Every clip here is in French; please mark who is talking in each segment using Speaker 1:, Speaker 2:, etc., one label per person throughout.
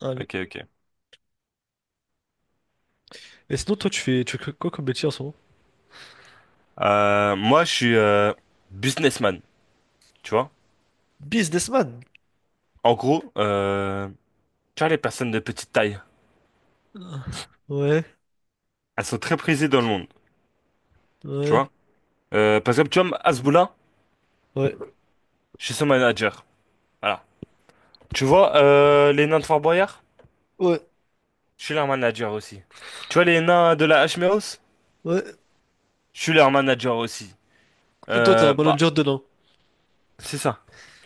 Speaker 1: Allez.
Speaker 2: Ok, ok.
Speaker 1: Et sinon, toi, tu fais quoi comme métier en ce moment?
Speaker 2: Moi, je suis businessman, tu vois.
Speaker 1: Businessman.
Speaker 2: En gros, tu vois, les personnes de petite taille,
Speaker 1: Ah, ouais,
Speaker 2: elles sont très prisées dans le monde, tu
Speaker 1: ouais,
Speaker 2: vois. Par exemple, tu vois, Azboula,
Speaker 1: ouais,
Speaker 2: je suis son manager. Voilà. Tu vois, les nains de Fort Boyard,
Speaker 1: ouais,
Speaker 2: je suis leur manager aussi. Tu vois, les nains de la Hmeos,
Speaker 1: ouais.
Speaker 2: je suis leur manager aussi.
Speaker 1: Mais toi, t'es un
Speaker 2: Bah,
Speaker 1: manager de nains.
Speaker 2: c'est ça.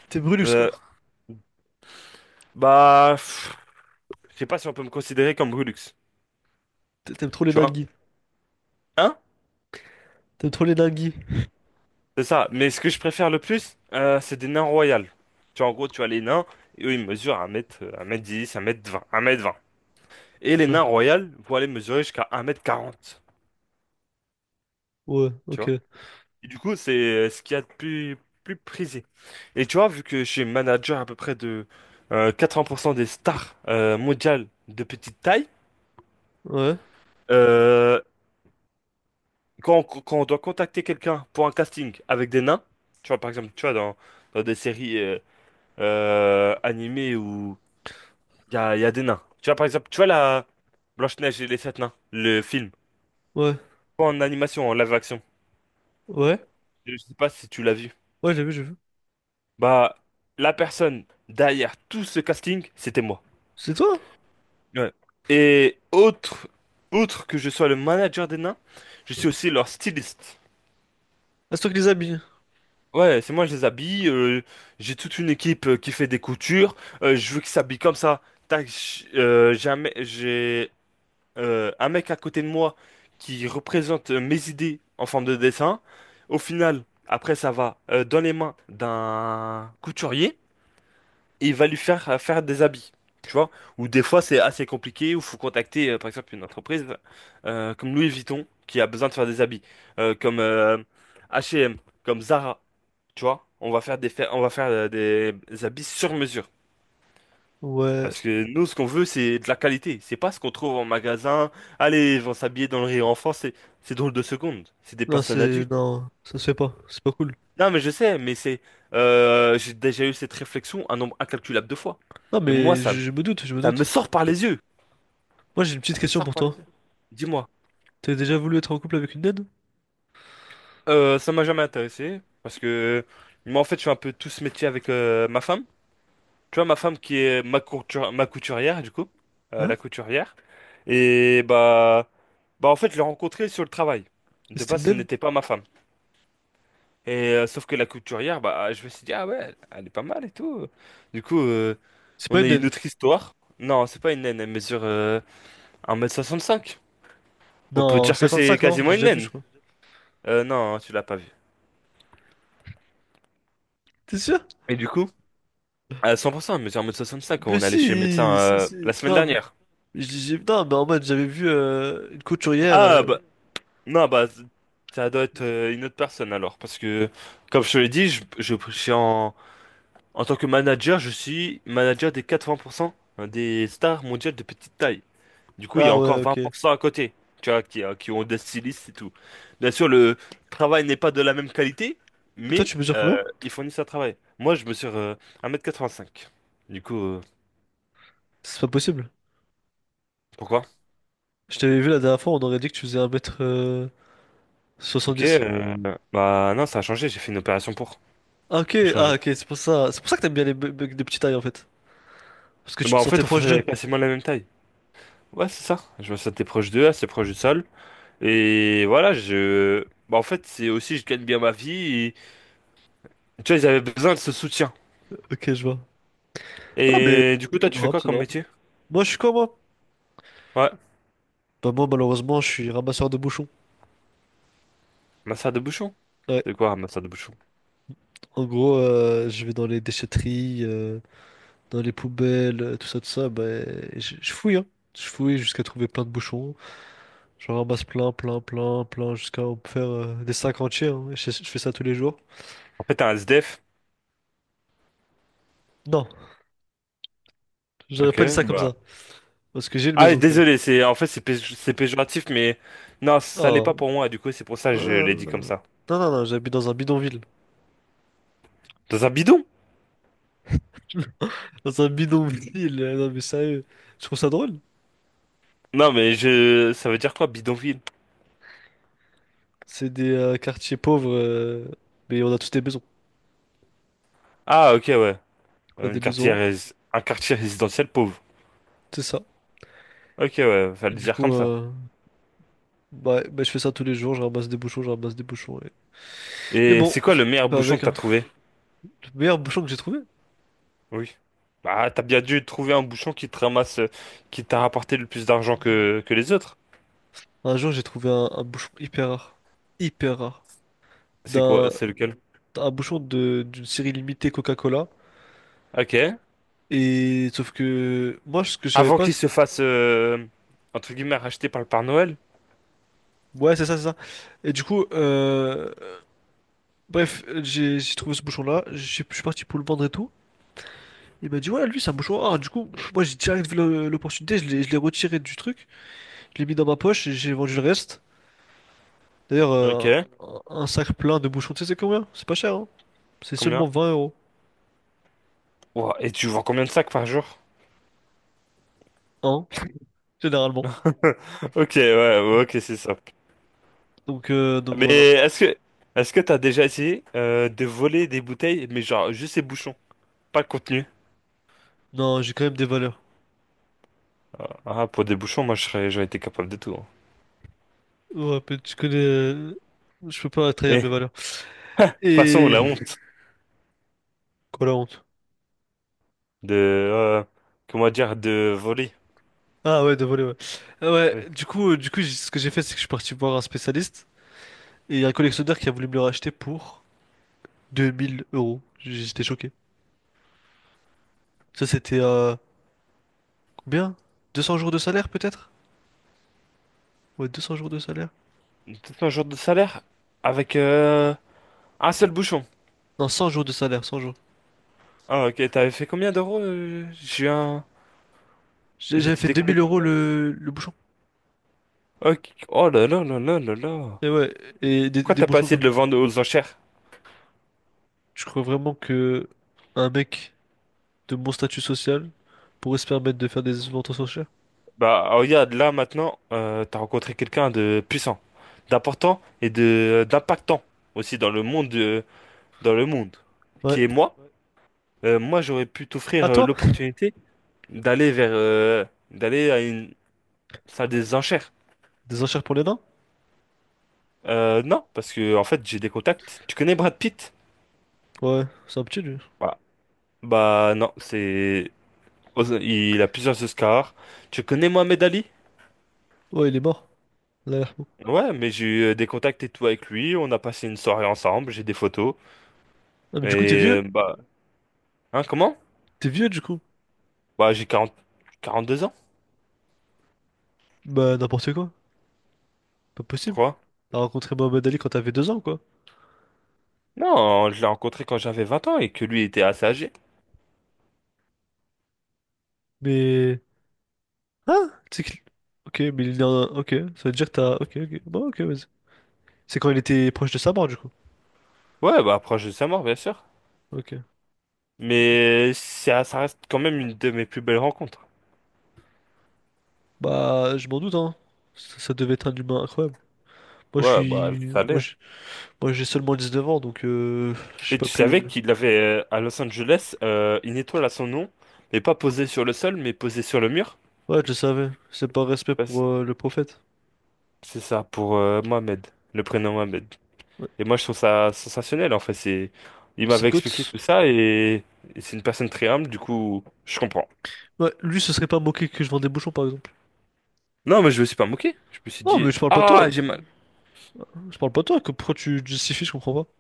Speaker 1: T'es Brulus, quoi.
Speaker 2: Euh, Bah, je sais pas si on peut me considérer comme Brulux,
Speaker 1: T'aimes trop les
Speaker 2: tu vois.
Speaker 1: dingues.
Speaker 2: Hein?
Speaker 1: T'aimes trop les dingues.
Speaker 2: C'est ça, mais ce que je préfère le plus, c'est des nains royales. Tu vois, en gros, tu as les nains, et eux, ils mesurent un mètre 1m10, 1m20, 1m20. Et les
Speaker 1: Ouais,
Speaker 2: nains royales vont aller mesurer jusqu'à 1m40,
Speaker 1: ouais,
Speaker 2: tu
Speaker 1: ok.
Speaker 2: vois. Et du coup, c'est ce qu'il y a de plus prisé. Et tu vois, vu que je suis manager à peu près de 80% des stars mondiales de petite taille,
Speaker 1: Ouais,
Speaker 2: euh, quand on doit contacter quelqu'un pour un casting avec des nains, tu vois, par exemple, tu vois, dans des séries animées ou il y a des nains. Tu vois, par exemple, tu vois la Blanche-Neige et les sept nains, le film.
Speaker 1: ouais,
Speaker 2: Pas en animation, en live-action.
Speaker 1: ouais.
Speaker 2: Je sais pas si tu l'as vu.
Speaker 1: Ouais, j'ai vu, j'ai vu.
Speaker 2: Bah, la personne derrière tout ce casting, c'était moi.
Speaker 1: C'est toi?
Speaker 2: Ouais. Et autre, outre que je sois le manager des nains, je suis aussi leur styliste.
Speaker 1: Ah, c'est toi qui les as mis.
Speaker 2: Ouais, c'est moi, je les habille. J'ai toute une équipe qui fait des coutures. Je veux qu'ils s'habillent comme ça. Tac, jamais, j'ai un mec à côté de moi qui représente mes idées en forme de dessin. Au final, après, ça va dans les mains d'un couturier et il va lui faire des habits. Tu vois? Ou des fois, c'est assez compliqué, ou faut contacter, par exemple, une entreprise comme Louis Vuitton qui a besoin de faire des habits, comme H&M, comme Zara. Tu vois? On va faire des habits sur mesure.
Speaker 1: Ouais.
Speaker 2: Parce que nous, ce qu'on veut, c'est de la qualité. C'est pas ce qu'on trouve en magasin. Allez, ils vont s'habiller dans le rire enfant. C'est drôle de seconde. C'est des personnes adultes.
Speaker 1: Non, ça se fait pas. C'est pas cool.
Speaker 2: Non, mais je sais, mais j'ai déjà eu cette réflexion un nombre incalculable de fois.
Speaker 1: Non,
Speaker 2: Et moi,
Speaker 1: mais
Speaker 2: ça,
Speaker 1: je,
Speaker 2: me-
Speaker 1: je me doute, je me
Speaker 2: ça me
Speaker 1: doute.
Speaker 2: sort par les yeux.
Speaker 1: Moi, j'ai une petite
Speaker 2: Ça me
Speaker 1: question
Speaker 2: sort
Speaker 1: pour
Speaker 2: par les
Speaker 1: toi.
Speaker 2: yeux. Dis-moi,
Speaker 1: T'as déjà voulu être en couple avec une naine?
Speaker 2: ça m'a jamais intéressé parce que moi, en fait, je fais un peu tout ce métier avec ma femme. Tu vois, ma femme qui est ma couturière, du coup,
Speaker 1: Ouais?
Speaker 2: la couturière. Et bah en fait, je l'ai rencontrée sur le travail. De
Speaker 1: C'était une
Speaker 2: base, ce
Speaker 1: naine?
Speaker 2: n'était pas ma femme. Et sauf que la couturière, bah, je me suis dit, ah ouais, elle est pas mal et tout. Du coup,
Speaker 1: C'est pas
Speaker 2: on a
Speaker 1: une
Speaker 2: eu
Speaker 1: naine.
Speaker 2: une autre histoire. Non, c'est pas une naine, elle mesure 1m65. On peut
Speaker 1: Non,
Speaker 2: dire que c'est
Speaker 1: 55, non?
Speaker 2: quasiment
Speaker 1: J'ai
Speaker 2: une
Speaker 1: déjà vu, je
Speaker 2: naine.
Speaker 1: crois.
Speaker 2: Non, tu l'as pas vue.
Speaker 1: T'es sûr?
Speaker 2: Et du coup, à 100%, elle mesure 1m65.
Speaker 1: Mais
Speaker 2: On est allé chez le médecin
Speaker 1: si, si,
Speaker 2: la
Speaker 1: si.
Speaker 2: semaine
Speaker 1: Non, mais,
Speaker 2: dernière.
Speaker 1: non, mais en mode, j'avais vu une couturière.
Speaker 2: Ah,
Speaker 1: euh.
Speaker 2: bah, non, bah, ça doit être une autre personne alors. Parce que, comme je te l'ai dit, je suis en tant que manager, je suis manager des 80% des stars mondiales de petite taille. Du coup, il y a
Speaker 1: Ah
Speaker 2: encore
Speaker 1: ouais, ok. Et
Speaker 2: 20% à côté, tu vois, qui ont des stylistes et tout. Bien sûr, le travail n'est pas de la même qualité,
Speaker 1: toi,
Speaker 2: mais
Speaker 1: tu mesures combien?
Speaker 2: ils fournissent un travail. Moi, je mesure 1m85. Du coup,
Speaker 1: C'est pas possible.
Speaker 2: pourquoi?
Speaker 1: Je t'avais vu la dernière fois, on aurait dit que tu faisais 1
Speaker 2: Ok,
Speaker 1: soixante-dix.
Speaker 2: bah non, ça a changé, j'ai fait une opération pour
Speaker 1: Ah, ok, ah,
Speaker 2: changer.
Speaker 1: ok, c'est pour ça. C'est pour ça que t'aimes bien les mecs de petite taille, en fait. Parce que tu
Speaker 2: Bah,
Speaker 1: te
Speaker 2: en fait,
Speaker 1: sentais
Speaker 2: on
Speaker 1: proche d'eux.
Speaker 2: faisait quasiment la même taille. Ouais, c'est ça. Je me sentais proche d'eux, assez proche du sol. Et voilà, je. Bah, en fait, c'est aussi, je gagne bien ma vie. et- Tu vois, ils avaient besoin de ce soutien.
Speaker 1: Ok, je vois. Non, mais
Speaker 2: Et du coup,
Speaker 1: c'est
Speaker 2: toi, tu fais
Speaker 1: honorable,
Speaker 2: quoi
Speaker 1: c'est
Speaker 2: comme
Speaker 1: honorable.
Speaker 2: métier?
Speaker 1: Moi, je suis quoi, moi?
Speaker 2: Ouais,
Speaker 1: Bah, moi, malheureusement, je suis ramasseur de bouchons.
Speaker 2: masseur de bouchon.
Speaker 1: Ouais.
Speaker 2: C'est quoi un masseur de bouchon?
Speaker 1: En gros, je vais dans les déchetteries, dans les poubelles, tout ça, bah, je fouille, hein. Je fouille jusqu'à trouver plein de bouchons. J'en ramasse plein, plein, plein, plein, jusqu'à en faire des sacs entiers, hein. Je fais ça tous les jours.
Speaker 2: En fait, t'es un SDF.
Speaker 1: Non, j'aurais
Speaker 2: Ok,
Speaker 1: pas dit ça comme
Speaker 2: bah.
Speaker 1: ça. Parce que j'ai une
Speaker 2: Ah,
Speaker 1: maison quand même.
Speaker 2: désolé, c'est en fait, c'est péjoratif, mais non, ça l'est
Speaker 1: Non,
Speaker 2: pas pour moi. Du coup, c'est pour ça que
Speaker 1: non,
Speaker 2: je l'ai dit comme
Speaker 1: non,
Speaker 2: ça.
Speaker 1: non, non, non, j'habite dans un bidonville.
Speaker 2: Dans un bidon?
Speaker 1: Dans un bidonville, non mais sérieux. Je trouve ça drôle.
Speaker 2: Non, mais je. Ça veut dire quoi, bidonville?
Speaker 1: C'est des quartiers pauvres, mais on a tous des maisons.
Speaker 2: Ah, ok, ouais.
Speaker 1: On a des
Speaker 2: Une quartier...
Speaker 1: maisons,
Speaker 2: rés- Un quartier résidentiel pauvre.
Speaker 1: c'est ça.
Speaker 2: Ok, ouais,
Speaker 1: Et
Speaker 2: fallait le
Speaker 1: du
Speaker 2: dire
Speaker 1: coup,
Speaker 2: comme ça.
Speaker 1: bah, bah, je fais ça tous les jours, je ramasse des bouchons, je ramasse des bouchons. Mais
Speaker 2: Et
Speaker 1: bon,
Speaker 2: c'est quoi le meilleur
Speaker 1: fait
Speaker 2: bouchon que
Speaker 1: avec
Speaker 2: t'as
Speaker 1: hein.
Speaker 2: trouvé?
Speaker 1: Le meilleur bouchon que j'ai trouvé.
Speaker 2: Oui. Bah, t'as bien dû trouver un bouchon qui te ramasse, qui t'a rapporté le plus d'argent que les autres.
Speaker 1: Un jour, j'ai trouvé un bouchon hyper rare. Hyper rare.
Speaker 2: C'est quoi?
Speaker 1: D'un
Speaker 2: C'est lequel?
Speaker 1: Un bouchon de d'une série limitée Coca-Cola.
Speaker 2: Ok.
Speaker 1: Et sauf que moi, ce que je savais
Speaker 2: Avant
Speaker 1: pas.
Speaker 2: qu'il se fasse, entre guillemets, racheter par le Père Noël?
Speaker 1: Ouais, c'est ça, c'est ça. Et du coup, bref, j'ai trouvé ce bouchon-là. Je suis parti pour le vendre et tout. Il m'a dit, ouais, lui, c'est un bouchon rare. Du coup, moi, j'ai direct vu l'opportunité. Je l'ai retiré du truc. Je l'ai mis dans ma poche et j'ai vendu le reste. D'ailleurs,
Speaker 2: Ok.
Speaker 1: un sac plein de bouchons, tu sais, c'est combien? C'est pas cher, hein. C'est
Speaker 2: Combien?
Speaker 1: seulement 20 euros.
Speaker 2: Ouah, et tu vends combien de sacs par jour?
Speaker 1: Hein, généralement.
Speaker 2: Ok, ouais, ouais, ok, c'est ça.
Speaker 1: Donc,
Speaker 2: Mais
Speaker 1: voilà.
Speaker 2: est-ce que t'as déjà essayé, de voler des bouteilles, mais genre juste les bouchons, pas le contenu?
Speaker 1: Non, j'ai quand même des valeurs.
Speaker 2: Ah, pour des bouchons, moi, j'aurais été capable de tout, hein.
Speaker 1: Ouais, mais tu connais, je peux pas trahir
Speaker 2: Eh,
Speaker 1: mes
Speaker 2: de
Speaker 1: valeurs.
Speaker 2: toute façon,
Speaker 1: Et
Speaker 2: la honte.
Speaker 1: quoi la honte?
Speaker 2: De comment dire, de voler.
Speaker 1: Ah ouais, de voler, ouais. Ah ouais,
Speaker 2: Oui.
Speaker 1: du coup, ce que j'ai fait, c'est que je suis parti voir un spécialiste et il y a un collectionneur qui a voulu me le racheter pour 2 000 euros. J'étais choqué. Ça, c'était combien? 200 jours de salaire, peut-être? Ouais, 200 jours de salaire.
Speaker 2: Tout un jour de salaire avec un seul bouchon.
Speaker 1: Non, 100 jours de salaire, 100 jours.
Speaker 2: Ah, ok, t'avais fait combien d'euros?
Speaker 1: J'avais
Speaker 2: J'étais
Speaker 1: fait 2000
Speaker 2: déconnecté un
Speaker 1: euros
Speaker 2: peu.
Speaker 1: le bouchon.
Speaker 2: Ok. Oh là là là là là là.
Speaker 1: Et ouais, et des,
Speaker 2: Pourquoi
Speaker 1: des
Speaker 2: t'as pas
Speaker 1: bouchons
Speaker 2: essayé
Speaker 1: comme
Speaker 2: de
Speaker 1: ça.
Speaker 2: le vendre aux enchères?
Speaker 1: Je crois vraiment que un mec de mon statut social pourrait se permettre de faire des ventes aux enchères?
Speaker 2: Bah, ah, regarde là maintenant, t'as rencontré quelqu'un de puissant, d'important et de d'impactant aussi dans le monde
Speaker 1: Ouais.
Speaker 2: qui est moi. Moi j'aurais pu
Speaker 1: À
Speaker 2: t'offrir
Speaker 1: toi?
Speaker 2: l'opportunité d'aller vers euh, d'aller à une. Ça a des enchères.
Speaker 1: Des enchères pour les nains?
Speaker 2: Non, parce que en fait, j'ai des contacts. Tu connais Brad Pitt?
Speaker 1: Ouais, c'est un petit lui.
Speaker 2: Voilà. Bah non, c'est il a plusieurs Oscars. Tu connais Mohamed Ali?
Speaker 1: Ouais, il est mort. Là, il a l'air mort.
Speaker 2: Ouais, mais j'ai eu des contacts et tout avec lui. On a passé une soirée ensemble. J'ai des photos.
Speaker 1: Ah, mais du coup, t'es vieux?
Speaker 2: Et bah, hein, comment?
Speaker 1: T'es vieux du coup?
Speaker 2: Bah, j'ai 42 ans.
Speaker 1: Bah, n'importe quoi. Pas possible.
Speaker 2: Pourquoi?
Speaker 1: T'as rencontré Mohamed Ali quand t'avais 2 ans, quoi.
Speaker 2: Non, je l'ai rencontré quand j'avais 20 ans et que lui était assez âgé.
Speaker 1: Mais. Ah! Ok, Ok, ça veut dire que t'as. Ok, ok. Bon, ok, vas-y. C'est quand il était proche de sa mort, du coup.
Speaker 2: Ouais, bah proche de sa mort, bien sûr.
Speaker 1: Ok.
Speaker 2: Mais ça reste quand même une de mes plus belles rencontres.
Speaker 1: Bah, je m'en doute, hein. Ça devait être un humain incroyable. Moi, je
Speaker 2: Ouais, bah
Speaker 1: suis.
Speaker 2: ça
Speaker 1: Moi,
Speaker 2: l'est.
Speaker 1: je- Moi, j'ai seulement 19 ans, donc j'ai
Speaker 2: Mais
Speaker 1: pas
Speaker 2: tu
Speaker 1: pu.
Speaker 2: savais qu'il avait à Los Angeles une étoile à son nom, mais pas posée sur le sol, mais posée sur le mur?
Speaker 1: Ouais, je le savais. C'est par respect pour
Speaker 2: Parce-
Speaker 1: le prophète.
Speaker 2: C'est ça, pour Mohamed, le prénom Mohamed.
Speaker 1: Ouais.
Speaker 2: Et moi, je trouve ça sensationnel, en fait. Il
Speaker 1: C'est le
Speaker 2: m'avait expliqué
Speaker 1: goth.
Speaker 2: tout ça et c'est une personne très humble, du coup, je comprends.
Speaker 1: Ouais, lui, ce serait pas moqué que je vends des bouchons, par exemple.
Speaker 2: Non, mais je me suis pas moqué. Je me suis
Speaker 1: Non, mais
Speaker 2: dit,
Speaker 1: je parle pas de
Speaker 2: ah,
Speaker 1: toi.
Speaker 2: j'ai mal.
Speaker 1: Je parle pas de toi. Pourquoi tu justifies, je comprends pas.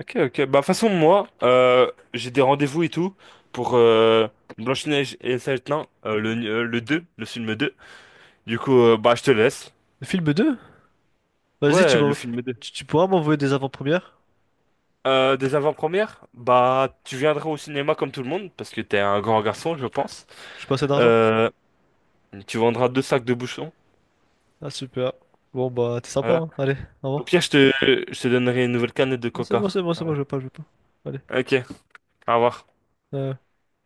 Speaker 2: Ok, ok. Bah, de toute façon, moi, j'ai des rendez-vous et tout pour Blanche-Neige et le Seigneur des Anneaux, le film 2. Du coup, bah, je te laisse.
Speaker 1: Film deux. Vas-y, tu
Speaker 2: Ouais, le
Speaker 1: m'en...
Speaker 2: film 2.
Speaker 1: Tu pourras m'envoyer des avant-premières?
Speaker 2: Des avant-premières? Bah, tu viendras au cinéma comme tout le monde, parce que t'es un grand garçon, je pense.
Speaker 1: J'ai pas assez d'argent.
Speaker 2: Euh, Tu vendras deux sacs de bouchons.
Speaker 1: Ah, super. Bon, bah, t'es sympa,
Speaker 2: Voilà.
Speaker 1: hein. Allez, au
Speaker 2: Au
Speaker 1: revoir.
Speaker 2: pire, je te donnerai une nouvelle canette de
Speaker 1: Ah, c'est
Speaker 2: coca.
Speaker 1: bon, c'est bon, c'est bon, je veux pas, je veux pas. Allez.
Speaker 2: Ok, au revoir.
Speaker 1: Euh,